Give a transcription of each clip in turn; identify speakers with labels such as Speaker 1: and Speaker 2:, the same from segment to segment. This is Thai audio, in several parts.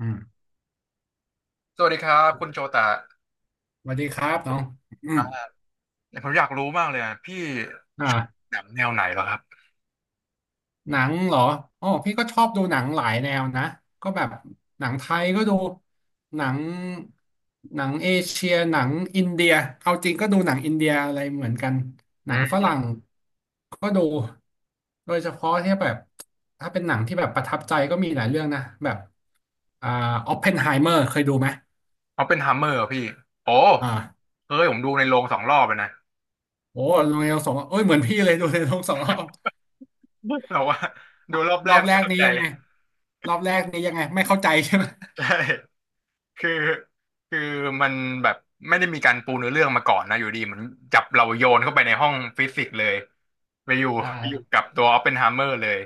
Speaker 1: อืม
Speaker 2: สวัสดีครับคุณโจตะ
Speaker 1: สวัสดีครับน้องอื
Speaker 2: ค
Speaker 1: ม
Speaker 2: รับผมอยากรู้มากเลยอะพี่
Speaker 1: อ่า
Speaker 2: หนังแนวไหนเหรอครับ
Speaker 1: หนังเหรออ๋อพี่ก็ชอบดูหนังหลายแนวนะก็แบบหนังไทยก็ดูหนังเอเชียหนังอินเดียเอาจริงก็ดูหนังอินเดียอะไรเหมือนกันห
Speaker 2: อื
Speaker 1: นังฝ
Speaker 2: ม
Speaker 1: รั่งก็ดูโดยเฉพาะที่แบบถ้าเป็นหนังที่แบบประทับใจก็มีหลายเรื่องนะแบบอ่าออปเพนไฮเมอร์เคยดูไหม
Speaker 2: เอาเป็นฮัมเมอร์พี่โอ้
Speaker 1: อ่า
Speaker 2: เฮ้ยผมดูในโรง2 รอบเลยนะ
Speaker 1: โอ้ดูในโรงสองรอบเอ้ยเหมือนพี่เลยดูในโรงสองรอบ
Speaker 2: แต่ว่าดูรอบแร
Speaker 1: รอ
Speaker 2: ก
Speaker 1: บแร
Speaker 2: ไม่
Speaker 1: ก
Speaker 2: สน
Speaker 1: นี้
Speaker 2: ใจ
Speaker 1: ยังไงรอบแรกนี้ยังไงไม่เข้าใจใช่ไหม
Speaker 2: ใช่คือคือมันแบบไม่ได้มีการปูเนื้อเรื่องมาก่อนนะอยู่ดีเหมือนจับเราโยนเข้าไปในห้องฟิสิกส์เลยไปอยู่
Speaker 1: อ่
Speaker 2: ไปอยู่
Speaker 1: า
Speaker 2: กับตัวออปเพนไฮเมอร์เลย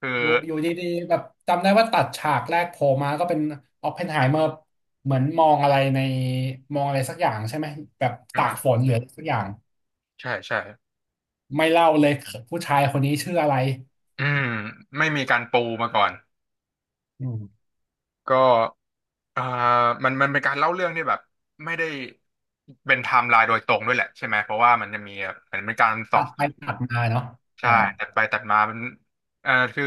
Speaker 2: คือ
Speaker 1: อยู่ดีๆแบบจำได้ว่าตัดฉากแรกโผล่มาก็เป็นออปเพนไฮเมอร์เหมือนมองอะไรในมองอะไรสักอย่างใช่ไหมแบบตากฝ
Speaker 2: อ่า
Speaker 1: นเหลือสักอย่าง
Speaker 2: ใช่ใช่
Speaker 1: ไม่เล่าเลยผู้ชายคนนี้ชื่ออะไร
Speaker 2: อืมไม่มีการปูมาก่อน
Speaker 1: อืม
Speaker 2: ก็อ่ามันเป็นการเล่าเรื่องที่แบบไม่ได้เป็นไทม์ไลน์โดยตรงด้วยแหละใช่ไหมเพราะว่ามันจะมีเหมือนเป็นการสอ
Speaker 1: ตั
Speaker 2: บ
Speaker 1: ดไปตัดมาเนาะ
Speaker 2: ใช่
Speaker 1: อ่า
Speaker 2: ตัดไปตัดมามันคือ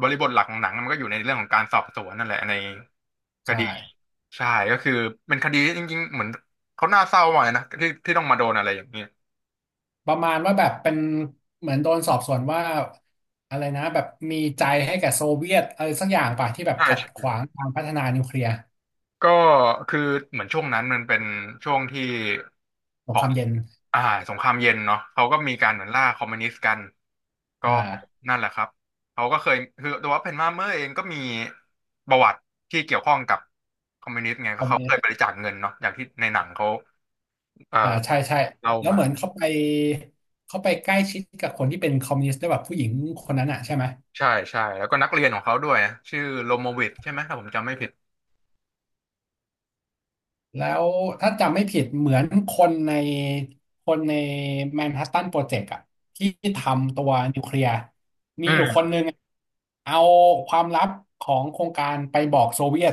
Speaker 2: บริบทหลักของหนังมันก็อยู่ในเรื่องของการสอบสวนนั่นแหละในค
Speaker 1: ใช่
Speaker 2: ดีใช่ก็คือเป็นคดีที่จริงๆเหมือนเขาน่าเศร้ามากเลยนะที่ต้องมาโดนอะไรอย่างนี้
Speaker 1: ประมาณว่าแบบเป็นเหมือนโดนสอบสวนว่าอะไรนะแบบมีใจให้แก่โซเวียตอะไรสักอย่างป่ะที่แบบ
Speaker 2: ใช่
Speaker 1: ขัด
Speaker 2: ใช่
Speaker 1: ขวางการพัฒนานิวเคลียร์
Speaker 2: ก็คือเหมือนช่วงนั้นมันเป็นช่วงที่
Speaker 1: ส
Speaker 2: ข
Speaker 1: ง
Speaker 2: อ
Speaker 1: ค
Speaker 2: ง
Speaker 1: รามเย็น
Speaker 2: อ่าสงครามเย็นเนาะเขาก็มีการเหมือนล่าคอมมิวนิสต์กัน ก็
Speaker 1: อ่า
Speaker 2: นั่นแหละครับเขาก็เคยคือตัวเพนมาเมอร์เองก็มีประวัติที่เกี่ยวข้องกับคอมมิวนิสต์ไง
Speaker 1: ค
Speaker 2: ก็
Speaker 1: อมมิ
Speaker 2: เขา
Speaker 1: วนิ
Speaker 2: เค
Speaker 1: ส
Speaker 2: ย
Speaker 1: ต์
Speaker 2: บริจาคเงินเนาะอย่างที่ในหนังเขาเอ่อ
Speaker 1: ใช่ใช่
Speaker 2: เล่า
Speaker 1: แล้ว
Speaker 2: มา
Speaker 1: เหมือนเขาไปเขาไปใกล้ชิดกับคนที่เป็นคอมมิวนิสต์ด้วยแบบผู้หญิงคนนั้นอ่ะใช่ไหม
Speaker 2: ใช่ใช่แล้วก็นักเรียนของเขาด้วยชื่อโลโมวิทใช่ไหมถ้าผมจำไม่ผิด
Speaker 1: แล้วถ้าจำไม่ผิดเหมือนคนในคนในแมนฮัตตันโปรเจกต์อ่ะที่ทำตัวนิวเคลียร์มี
Speaker 2: อื
Speaker 1: อยู่คน
Speaker 2: ม
Speaker 1: หนึ่งเอาความลับของโครงการไปบอกโซเวียต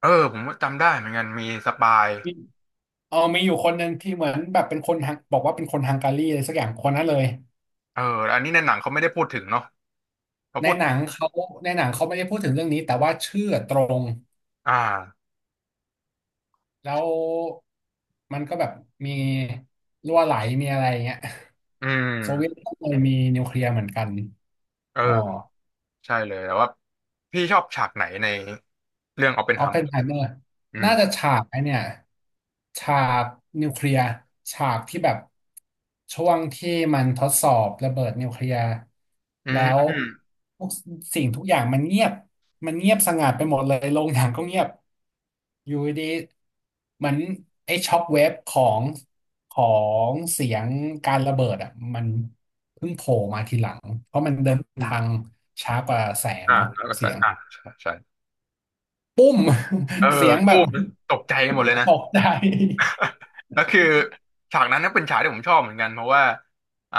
Speaker 2: เออผมจำได้เหมือนกันมีสปาย
Speaker 1: มีเออมีอยู่คนหนึ่งที่เหมือนแบบเป็นคนฮังบอกว่าเป็นคนฮังการีอะไรสักอย่างคนนั้นเลย
Speaker 2: เอออันนี้ในหนังเขาไม่ได้พูดถึงเนาะเขา
Speaker 1: ใน
Speaker 2: พูด
Speaker 1: หนังเขาในหนังเขาไม่ได้พูดถึงเรื่องนี้แต่ว่าชื่อตรง
Speaker 2: อ่า
Speaker 1: แล้วมันก็แบบมีรั่วไหลมีอะไรอย่างเงี้ย
Speaker 2: อื
Speaker 1: โซเวียต
Speaker 2: ม
Speaker 1: ก็เคยมีนิวเคลียร์เหมือนกันอ๋อ
Speaker 2: เออใช่เลยแต่ว่าพี่ชอบฉากไหนในเรื่องออปเพน
Speaker 1: ออ
Speaker 2: ไฮ
Speaker 1: ปเพ
Speaker 2: เม
Speaker 1: น
Speaker 2: อร์
Speaker 1: ไฮเมอร์
Speaker 2: อืม
Speaker 1: น่าจะฉากไอเนี่ยฉากนิวเคลียร์ฉากที่แบบช่วงที่มันทดสอบระเบิดนิวเคลียร์
Speaker 2: อ
Speaker 1: แล้ว
Speaker 2: ื
Speaker 1: ทุกสิ่งทุกอย่างมันเงียบมันเงียบสงัดไปหมดเลยโรงหนังก็เงียบอยู่ดีๆเหมือนไอ้ช็อคเวฟของขอเสียงการระเบิดอ่ะมันเพิ่งโผล่มาทีหลังเพราะมันเดินทาง
Speaker 2: ม
Speaker 1: ช้ากว่าแสง
Speaker 2: อ่า
Speaker 1: เนาะ
Speaker 2: แล้วก็
Speaker 1: เสี
Speaker 2: ใส่
Speaker 1: ยง
Speaker 2: อ่าใช่ใช่
Speaker 1: ปุ้ม
Speaker 2: เออ
Speaker 1: เสียงแบ
Speaker 2: ตู้
Speaker 1: บ
Speaker 2: ตกใจหมดเลยนะ
Speaker 1: ตกใจ
Speaker 2: แล้วคือฉากนั้นก็เป็นฉากที่ผมชอบเหมือนกันเพราะว่าอ่า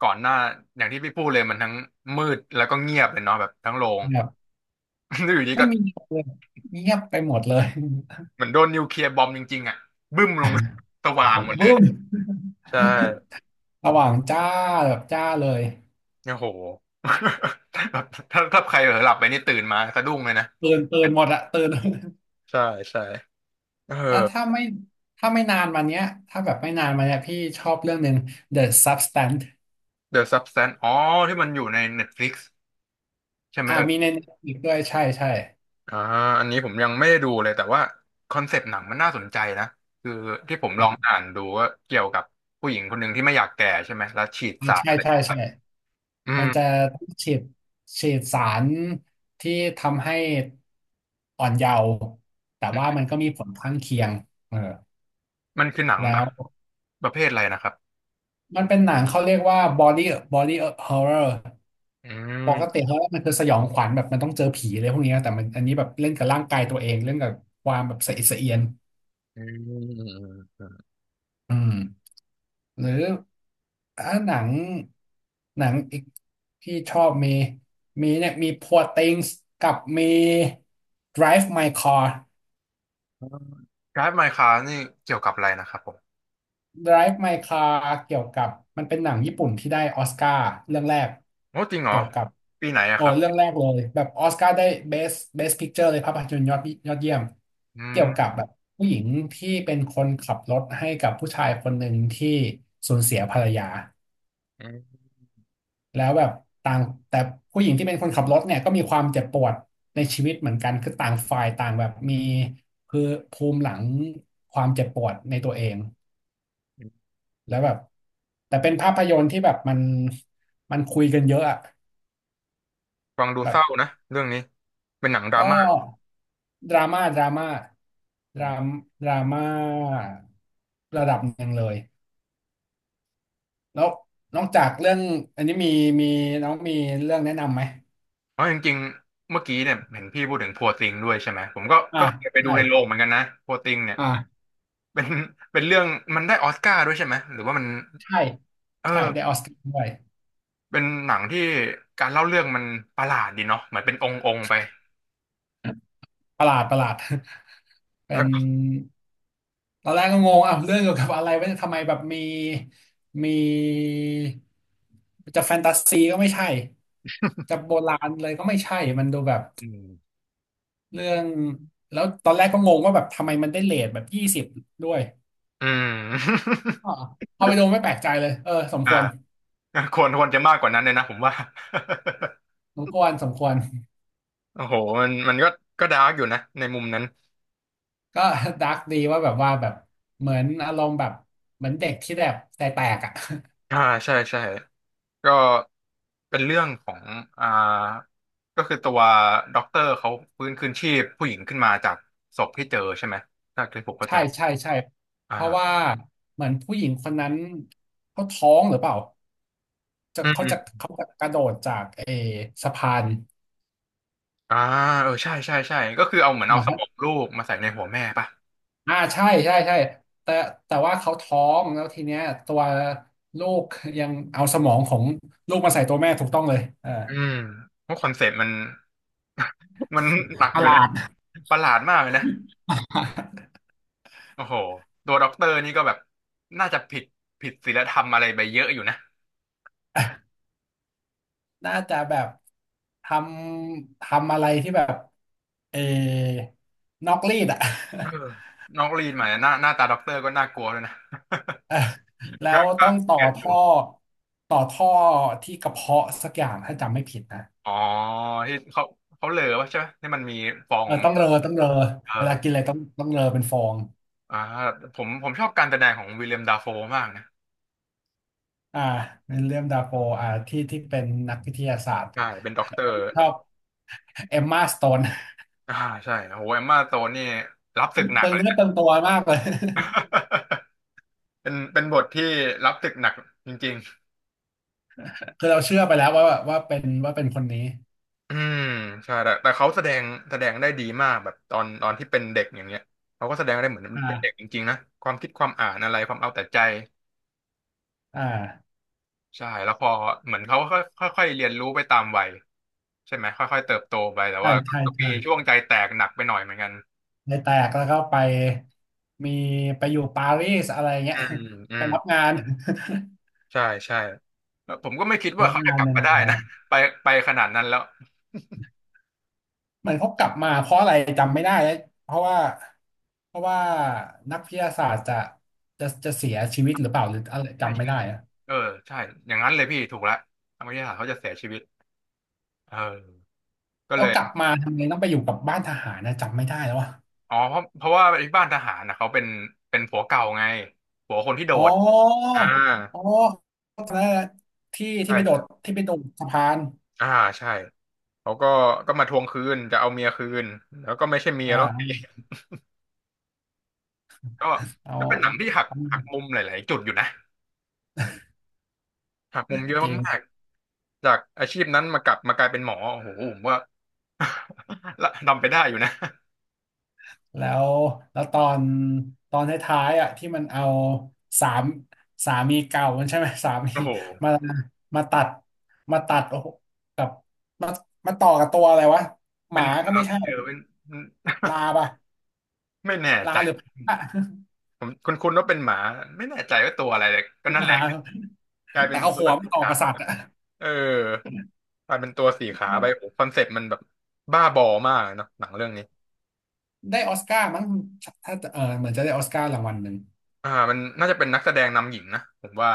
Speaker 2: ก่อนหน้าอย่างที่พี่พูดเลยมันทั้งมืดแล้วก็เงียบเลยเนาะแบบทั้งโรง
Speaker 1: แบบ
Speaker 2: แล้วอยู่ดี
Speaker 1: ไม่
Speaker 2: ก็
Speaker 1: มีเลยเงียบไปหมดเลย
Speaker 2: เหมือนโดนนิวเคลียร์บอมจริงๆอ่ะบึ้มลง สว่า ง
Speaker 1: แบ
Speaker 2: ห
Speaker 1: บ
Speaker 2: มดเล
Speaker 1: บึ้
Speaker 2: ย
Speaker 1: ม
Speaker 2: ใช่
Speaker 1: ระหว่างจ้าแบบจ้าเลย
Speaker 2: โอ้โห แบบถ้าใครเผลอหลับไปนี่ตื่นมาสะดุ้งเลยนะ
Speaker 1: ตื่นหมดอะตื่น
Speaker 2: ใช่ใช่เออ
Speaker 1: แล้วถ้าไม่ถ้าไม่นานมาเนี้ยถ้าแบบไม่นานมาเนี้ยพี่ชอบเรื่องหนึ่ง The Substance
Speaker 2: The Substance อ๋อที่มันอยู่ใน Netflix ใช่ไหม
Speaker 1: มีใน Netflix ด้วยใช่ใช่
Speaker 2: อ่าอันนี้ผมยังไม่ได้ดูเลยแต่ว่าคอนเซปต์หนังมันน่าสนใจนะคือที่ผมลองอ่า
Speaker 1: อ่า
Speaker 2: นดูว่าเกี่ยวกับผู้หญิงคนหนึ่งที่ไม่อยากแก่ใช่ไหมแล้วฉีดสาร
Speaker 1: ใช่
Speaker 2: อะไร
Speaker 1: ใช่
Speaker 2: เข้าไป
Speaker 1: ใช่
Speaker 2: อื
Speaker 1: มั
Speaker 2: ม
Speaker 1: นจะฉีดสารที่ทำให้อ่อนเยาว์แต่
Speaker 2: อื
Speaker 1: ว่า
Speaker 2: ม
Speaker 1: มันก็มีผลข้างเคียงเออ
Speaker 2: มันคือหนัง
Speaker 1: แล้
Speaker 2: แบบ
Speaker 1: ว
Speaker 2: ประเภทอะไรนะครับ
Speaker 1: มันเป็นหนังเขาเรียกว่า body body horror
Speaker 2: อื
Speaker 1: ปกติ
Speaker 2: ม
Speaker 1: เขามันคือสยองขวัญแบบมันต้องเจอผีอะไรพวกเนี้ยแต่มันอันนี้แบบเล่นกับร่างกายตัวเอง เล่นกับความแบบสะอิดสะเอียน
Speaker 2: อืมอืมอืมอืม
Speaker 1: อืมหรือหนังอีกที่ชอบมีมีเนี่ยมี Poor Things กับมี Drive My Car
Speaker 2: การ์ดไมค้านี่เกี่ยวกับอะไรนะครับผม
Speaker 1: Drive My Car เกี่ยวกับมันเป็นหนังญี่ปุ่นที่ได้ออสการ์เรื่องแรก
Speaker 2: โอ้จริงเหรอ
Speaker 1: เกี่ยวกับ
Speaker 2: ปีไหนอะ
Speaker 1: โอ้
Speaker 2: ครับ
Speaker 1: เรื่องแรกเลยแบบออสการ์ได้ Best Picture เลยภาพยนตร์ยอดเยี่ยม
Speaker 2: อื
Speaker 1: เกี่ย
Speaker 2: ม
Speaker 1: วกับแบบผู้หญิงที่เป็นคนขับรถให้กับผู้ชายคนหนึ่งที่สูญเสียภรรยา
Speaker 2: อืม
Speaker 1: แล้วแบบต่างแต่ผู้หญิงที่เป็นคนขับรถเนี่ยก็มีความเจ็บปวดในชีวิตเหมือนกันคือต่างฝ่ายต่างแบบมีคือภูมิหลังความเจ็บปวดในตัวเอง แล้วแบบแต่เป็นภาพยนตร์ที่แบบมันคุยกันเยอะอะ
Speaker 2: ฟังดูเศ
Speaker 1: แบบ
Speaker 2: ร้านะเรื่องนี้เป็นหนังดรา
Speaker 1: ก็
Speaker 2: ม่า
Speaker 1: ดราม่าดราม่าดรามดราม่าระดับหนึ่งเลยแล้วนอกจากเรื่องอันนี้มีมีน้องมีเรื่องแนะนำไหม
Speaker 2: เพราะจริงๆเมื่อกี้เนี่ยเห็นพี่พูดถึงพัวติงด้วยใช่ไหมผมก็
Speaker 1: อ่า
Speaker 2: ก็เคยไปดู
Speaker 1: ใช่
Speaker 2: ในโรงเหมือนกันนะพัวติงเนี่ย
Speaker 1: อ่า
Speaker 2: เป็นเป็นเรื่องมันได้ออสการ์ด้วยใช่ไหมหรือว่ามัน
Speaker 1: ใช่
Speaker 2: เอ
Speaker 1: ใช่
Speaker 2: อ
Speaker 1: ได้ออสการ์ด้วย
Speaker 2: เป็นหนังที่การเล่าเรื่องมันประหลาดดีเนาะเหมือนเป็นองค์องค์ไป
Speaker 1: ประหลาดประหลาด เป็
Speaker 2: แล้ว
Speaker 1: น
Speaker 2: ก็
Speaker 1: ตอนแรกก็งงอ่ะเรื่องเกี่ยวกับอะไรวะเนี่ยทำไมแบบมีมีจะแฟนตาซีก็ไม่ใช่จะโบราณเลยก็ไม่ใช่มันดูแบบ
Speaker 2: อืม
Speaker 1: เรื่องแล้วตอนแรกก็งงว่าแบบทำไมมันได้เรทแบบยี่สิบด้วย
Speaker 2: อืม
Speaker 1: อ๋อพอไปดูไม่แปลกใจเลยเออสมควร
Speaker 2: อ่าควรจะมากกว่านั้นเลยนะผมว่า
Speaker 1: สมควรสมควร
Speaker 2: โอ้โหมันก็ดาร์กอยู่นะในมุมนั้น
Speaker 1: ก็ ดาร์กดีว่าแบบว่าแบบเหมือนอารมณ์แบบเหมือนเด็กที่แบบแตกแตกอ่ะ
Speaker 2: อ่าใช่ใช่ ก็เป็นเรื่องของอ่าก็คือตัวด็อกเตอร์เขาฟื้นคืนชีพผู้หญิงขึ้นมาจากศพที่เจอใช่ไหมถ้าที่ผม เข้าใจ
Speaker 1: ใช่ใช่ใช่เพราะว่า
Speaker 2: อ่า
Speaker 1: เหมือนผู้หญิงคนนั้นเขาท้องหรือเปล่า จะ
Speaker 2: อื
Speaker 1: เขาจะ
Speaker 2: ม
Speaker 1: เขาจะกระโดดจากเออสะพาน
Speaker 2: อ่าเออใช่ใช่ใช่ก็คือเอาเหมือนเอา
Speaker 1: นะ
Speaker 2: ส
Speaker 1: ฮะ
Speaker 2: มองลูกมาใส่ในหัวแม่ป่ะ
Speaker 1: ใช่ใช่ใช่แต่ว่าเขาท้องแล้วทีเนี้ยตัวลูกยังเอาสมองของลูกมาใส่ตัวแม่ถูกต้องเลยเออ
Speaker 2: อืมเพราะคอนเซ็ปต์มัน มันหนัก
Speaker 1: ป
Speaker 2: อ
Speaker 1: ระ
Speaker 2: ยู่
Speaker 1: ห
Speaker 2: นะ
Speaker 1: ลาด
Speaker 2: ประหลาดมากเลยนะโอ้โหตัวด็อกเตอร์นี่ก็แบบน่าจะผิดศีลธรรมอะไรไปเยอะอยู่นะ
Speaker 1: น่าจะแบบทำอะไรที่แบบเออนอกรีดอะ
Speaker 2: เออน้องลีนมาเนี่ยหน้าตาด็อกเตอร์ก็น่ากลัวเลยนะ
Speaker 1: แล้
Speaker 2: ก็
Speaker 1: วต้องต่อ
Speaker 2: เกลียดอ
Speaker 1: ท่
Speaker 2: ยู่
Speaker 1: อต่อท่อที่กระเพาะสักอย่างถ้าจำไม่ผิดนะ
Speaker 2: อ๋อที่เขาเหลอวะใช่ไหมที่มันมีฟอ
Speaker 1: เอ
Speaker 2: ง
Speaker 1: อต้องเรอต้องเรอ
Speaker 2: เอ
Speaker 1: เวลากิน
Speaker 2: อ
Speaker 1: อะไรต้องเรอเป็นฟอง
Speaker 2: อ่าผมชอบการแสดงของวิลเลียมดาโฟมากนะ
Speaker 1: อ่าวิลเลียมดาโฟที่เป็นนักวิทยาศาสตร์
Speaker 2: ใช่เป็นด็อกเตอร์
Speaker 1: ชอบเอมมาสโตน
Speaker 2: อ่าใช่โหเอมม่าโตนนี่รับศึกห นั
Speaker 1: เป
Speaker 2: ก
Speaker 1: ลือง
Speaker 2: เลย
Speaker 1: เนื้อ
Speaker 2: นะ
Speaker 1: เปลืองตัวมากเลย
Speaker 2: เป็นบทที่รับศึกหนักจริง
Speaker 1: คือเราเชื่อไปแล้วว่าว่าเป็นว่าเป็นคนนี้
Speaker 2: ๆอืมใช่แต่เขาแสดงแสดงได้ดีมากแบบตอนที่เป็นเด็กอย่างเงี้ยเขาก็แสดงได้เหมือนเป็นเด็ก
Speaker 1: อ่า
Speaker 2: จริงๆนะความคิดความอ่านอะไรความเอาแต่ใจ
Speaker 1: อ่า
Speaker 2: ใช่แล้วพอเหมือนเขาก็ค่อยค่อยๆเรียนรู้ไปตามวัยใช่ไหมค่อยๆเติบโตไปแต่
Speaker 1: ใช่
Speaker 2: ว่า
Speaker 1: ใช่
Speaker 2: ก็มี
Speaker 1: ใช่
Speaker 2: ช่วงใจแตกหนักไปหน่อยเหมือนกัน
Speaker 1: ในแตกแล้วก็ไปมีไปอยู่ปารีสอะไรเงี้
Speaker 2: อื
Speaker 1: ย
Speaker 2: มอื
Speaker 1: ไป
Speaker 2: ม
Speaker 1: รับงาน
Speaker 2: ใช่ใช่แล้วผมก็ไม่คิด ว่า
Speaker 1: รับ
Speaker 2: เขาจะ
Speaker 1: งาน
Speaker 2: กลับ
Speaker 1: ในโร
Speaker 2: มา
Speaker 1: ง
Speaker 2: ได้
Speaker 1: แรม
Speaker 2: นะ ไปไปขนาดนั้นแล้ว
Speaker 1: เหมือนเขากลับมาเพราะอะไรจำไม่ได้แล้วเพราะว่าเพราะว่านักวิทยาศาสตร์จะจะเสียชีวิตหรือเปล่าหรืออะไร
Speaker 2: ใช่
Speaker 1: จำไม่
Speaker 2: ใช่
Speaker 1: ได้อะ
Speaker 2: เออใช่อย่างนั้นเลยพี่ถูกละทางวิทยาศาสตร์เขาจะเสียชีวิตเออก็
Speaker 1: แล้
Speaker 2: เล
Speaker 1: ว
Speaker 2: ย
Speaker 1: กลับมาทำไมต้องไปอยู่กับบ้านทหารนะจำไม่ได้แล้วว่ะ
Speaker 2: อ๋อเพราะว่าที่บ้านทหารนะเขาเป็นเป็นผัวเก่าไงผัวคนที่โด
Speaker 1: อ๋
Speaker 2: ด
Speaker 1: อ
Speaker 2: อ่า
Speaker 1: อ๋อเอ้า้วที่ที่
Speaker 2: ใช่
Speaker 1: ไปโดด
Speaker 2: ใช่
Speaker 1: ที่ไปโดดสะพาน
Speaker 2: อ่าใช่เขาก็มาทวงคืนจะเอาเมียคืนแล้วก็ไม่ใช่เมีย
Speaker 1: อ่
Speaker 2: แล้ว
Speaker 1: า
Speaker 2: ก็
Speaker 1: เอาเอา
Speaker 2: ก็เป็นหนังที่
Speaker 1: เอา
Speaker 2: หักมุมหลายๆจุดอยู่นะหักมุมเยอะ
Speaker 1: จริง
Speaker 2: มากๆจากอาชีพนั้นมากลับมากลายเป็นหมอโอ้โหผมว่า ละทำไปได้อยู่นะ
Speaker 1: แล้วแล้วตอนตอนท้ายๆอ่ะที่มันเอาสามสามีเก่ามันใช่ไหม สามี
Speaker 2: โอ้โห
Speaker 1: มาตัดมาตัดโอ้โหกับมาต่อกับตัวอะไรวะห
Speaker 2: เป็น
Speaker 1: มา
Speaker 2: ห
Speaker 1: ก็
Speaker 2: มา
Speaker 1: ไม่ใช่
Speaker 2: พี่เออเป็น
Speaker 1: ลาป่ะ
Speaker 2: ไม่แน่
Speaker 1: ลา
Speaker 2: ใจ
Speaker 1: หรือพระ
Speaker 2: ผมคุณว่าเป็นหมาไม่แน่ใจว่าตัวอะไรเลย
Speaker 1: ห
Speaker 2: ก็
Speaker 1: รือ
Speaker 2: นั่
Speaker 1: ห
Speaker 2: นแห
Speaker 1: มา
Speaker 2: ละกลายเป็
Speaker 1: แต่
Speaker 2: น
Speaker 1: เอา
Speaker 2: ตั
Speaker 1: หั
Speaker 2: ว
Speaker 1: วมั
Speaker 2: สี
Speaker 1: นต่อ
Speaker 2: ขาว
Speaker 1: กับสัตว์อ่ะ
Speaker 2: เออกลายเป็นตัวสีขาไปโอ้คอนเซ็ปต์มันแบบบ้าบอมากเลยเนาะหนังเรื่องนี้
Speaker 1: ได้ออสการ์มั้งถ้าเออเหมือนจะได้ออสการ์รางวัลหนึ่ง
Speaker 2: อ่ามันน่าจะเป็นนักแสดงนำหญิงนะผมว่า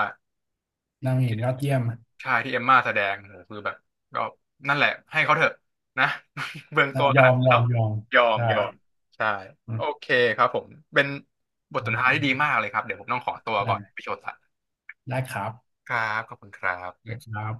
Speaker 1: นางเอกยอดเยี่ยม
Speaker 2: ใช่ที่เอมม่าแสดงโหคือแบบก็นั่นแหละให้เขาเถอะนะ เบืองตัวข
Speaker 1: ยอ
Speaker 2: นาด
Speaker 1: ม
Speaker 2: นั้น
Speaker 1: ย
Speaker 2: แล้
Speaker 1: อ
Speaker 2: ว
Speaker 1: มยอม
Speaker 2: ยอม
Speaker 1: ได้
Speaker 2: ยอมใช่
Speaker 1: อื
Speaker 2: โอ
Speaker 1: ม
Speaker 2: เคครับผมเป็นบทสนทนาที่ดีมากเลยครับเดี๋ยวผมต้องขอตัว
Speaker 1: ได้
Speaker 2: ก่อนไปโชว์สัตว์
Speaker 1: ได้ครับ
Speaker 2: ครับขอบคุณครับ
Speaker 1: ได้ครับ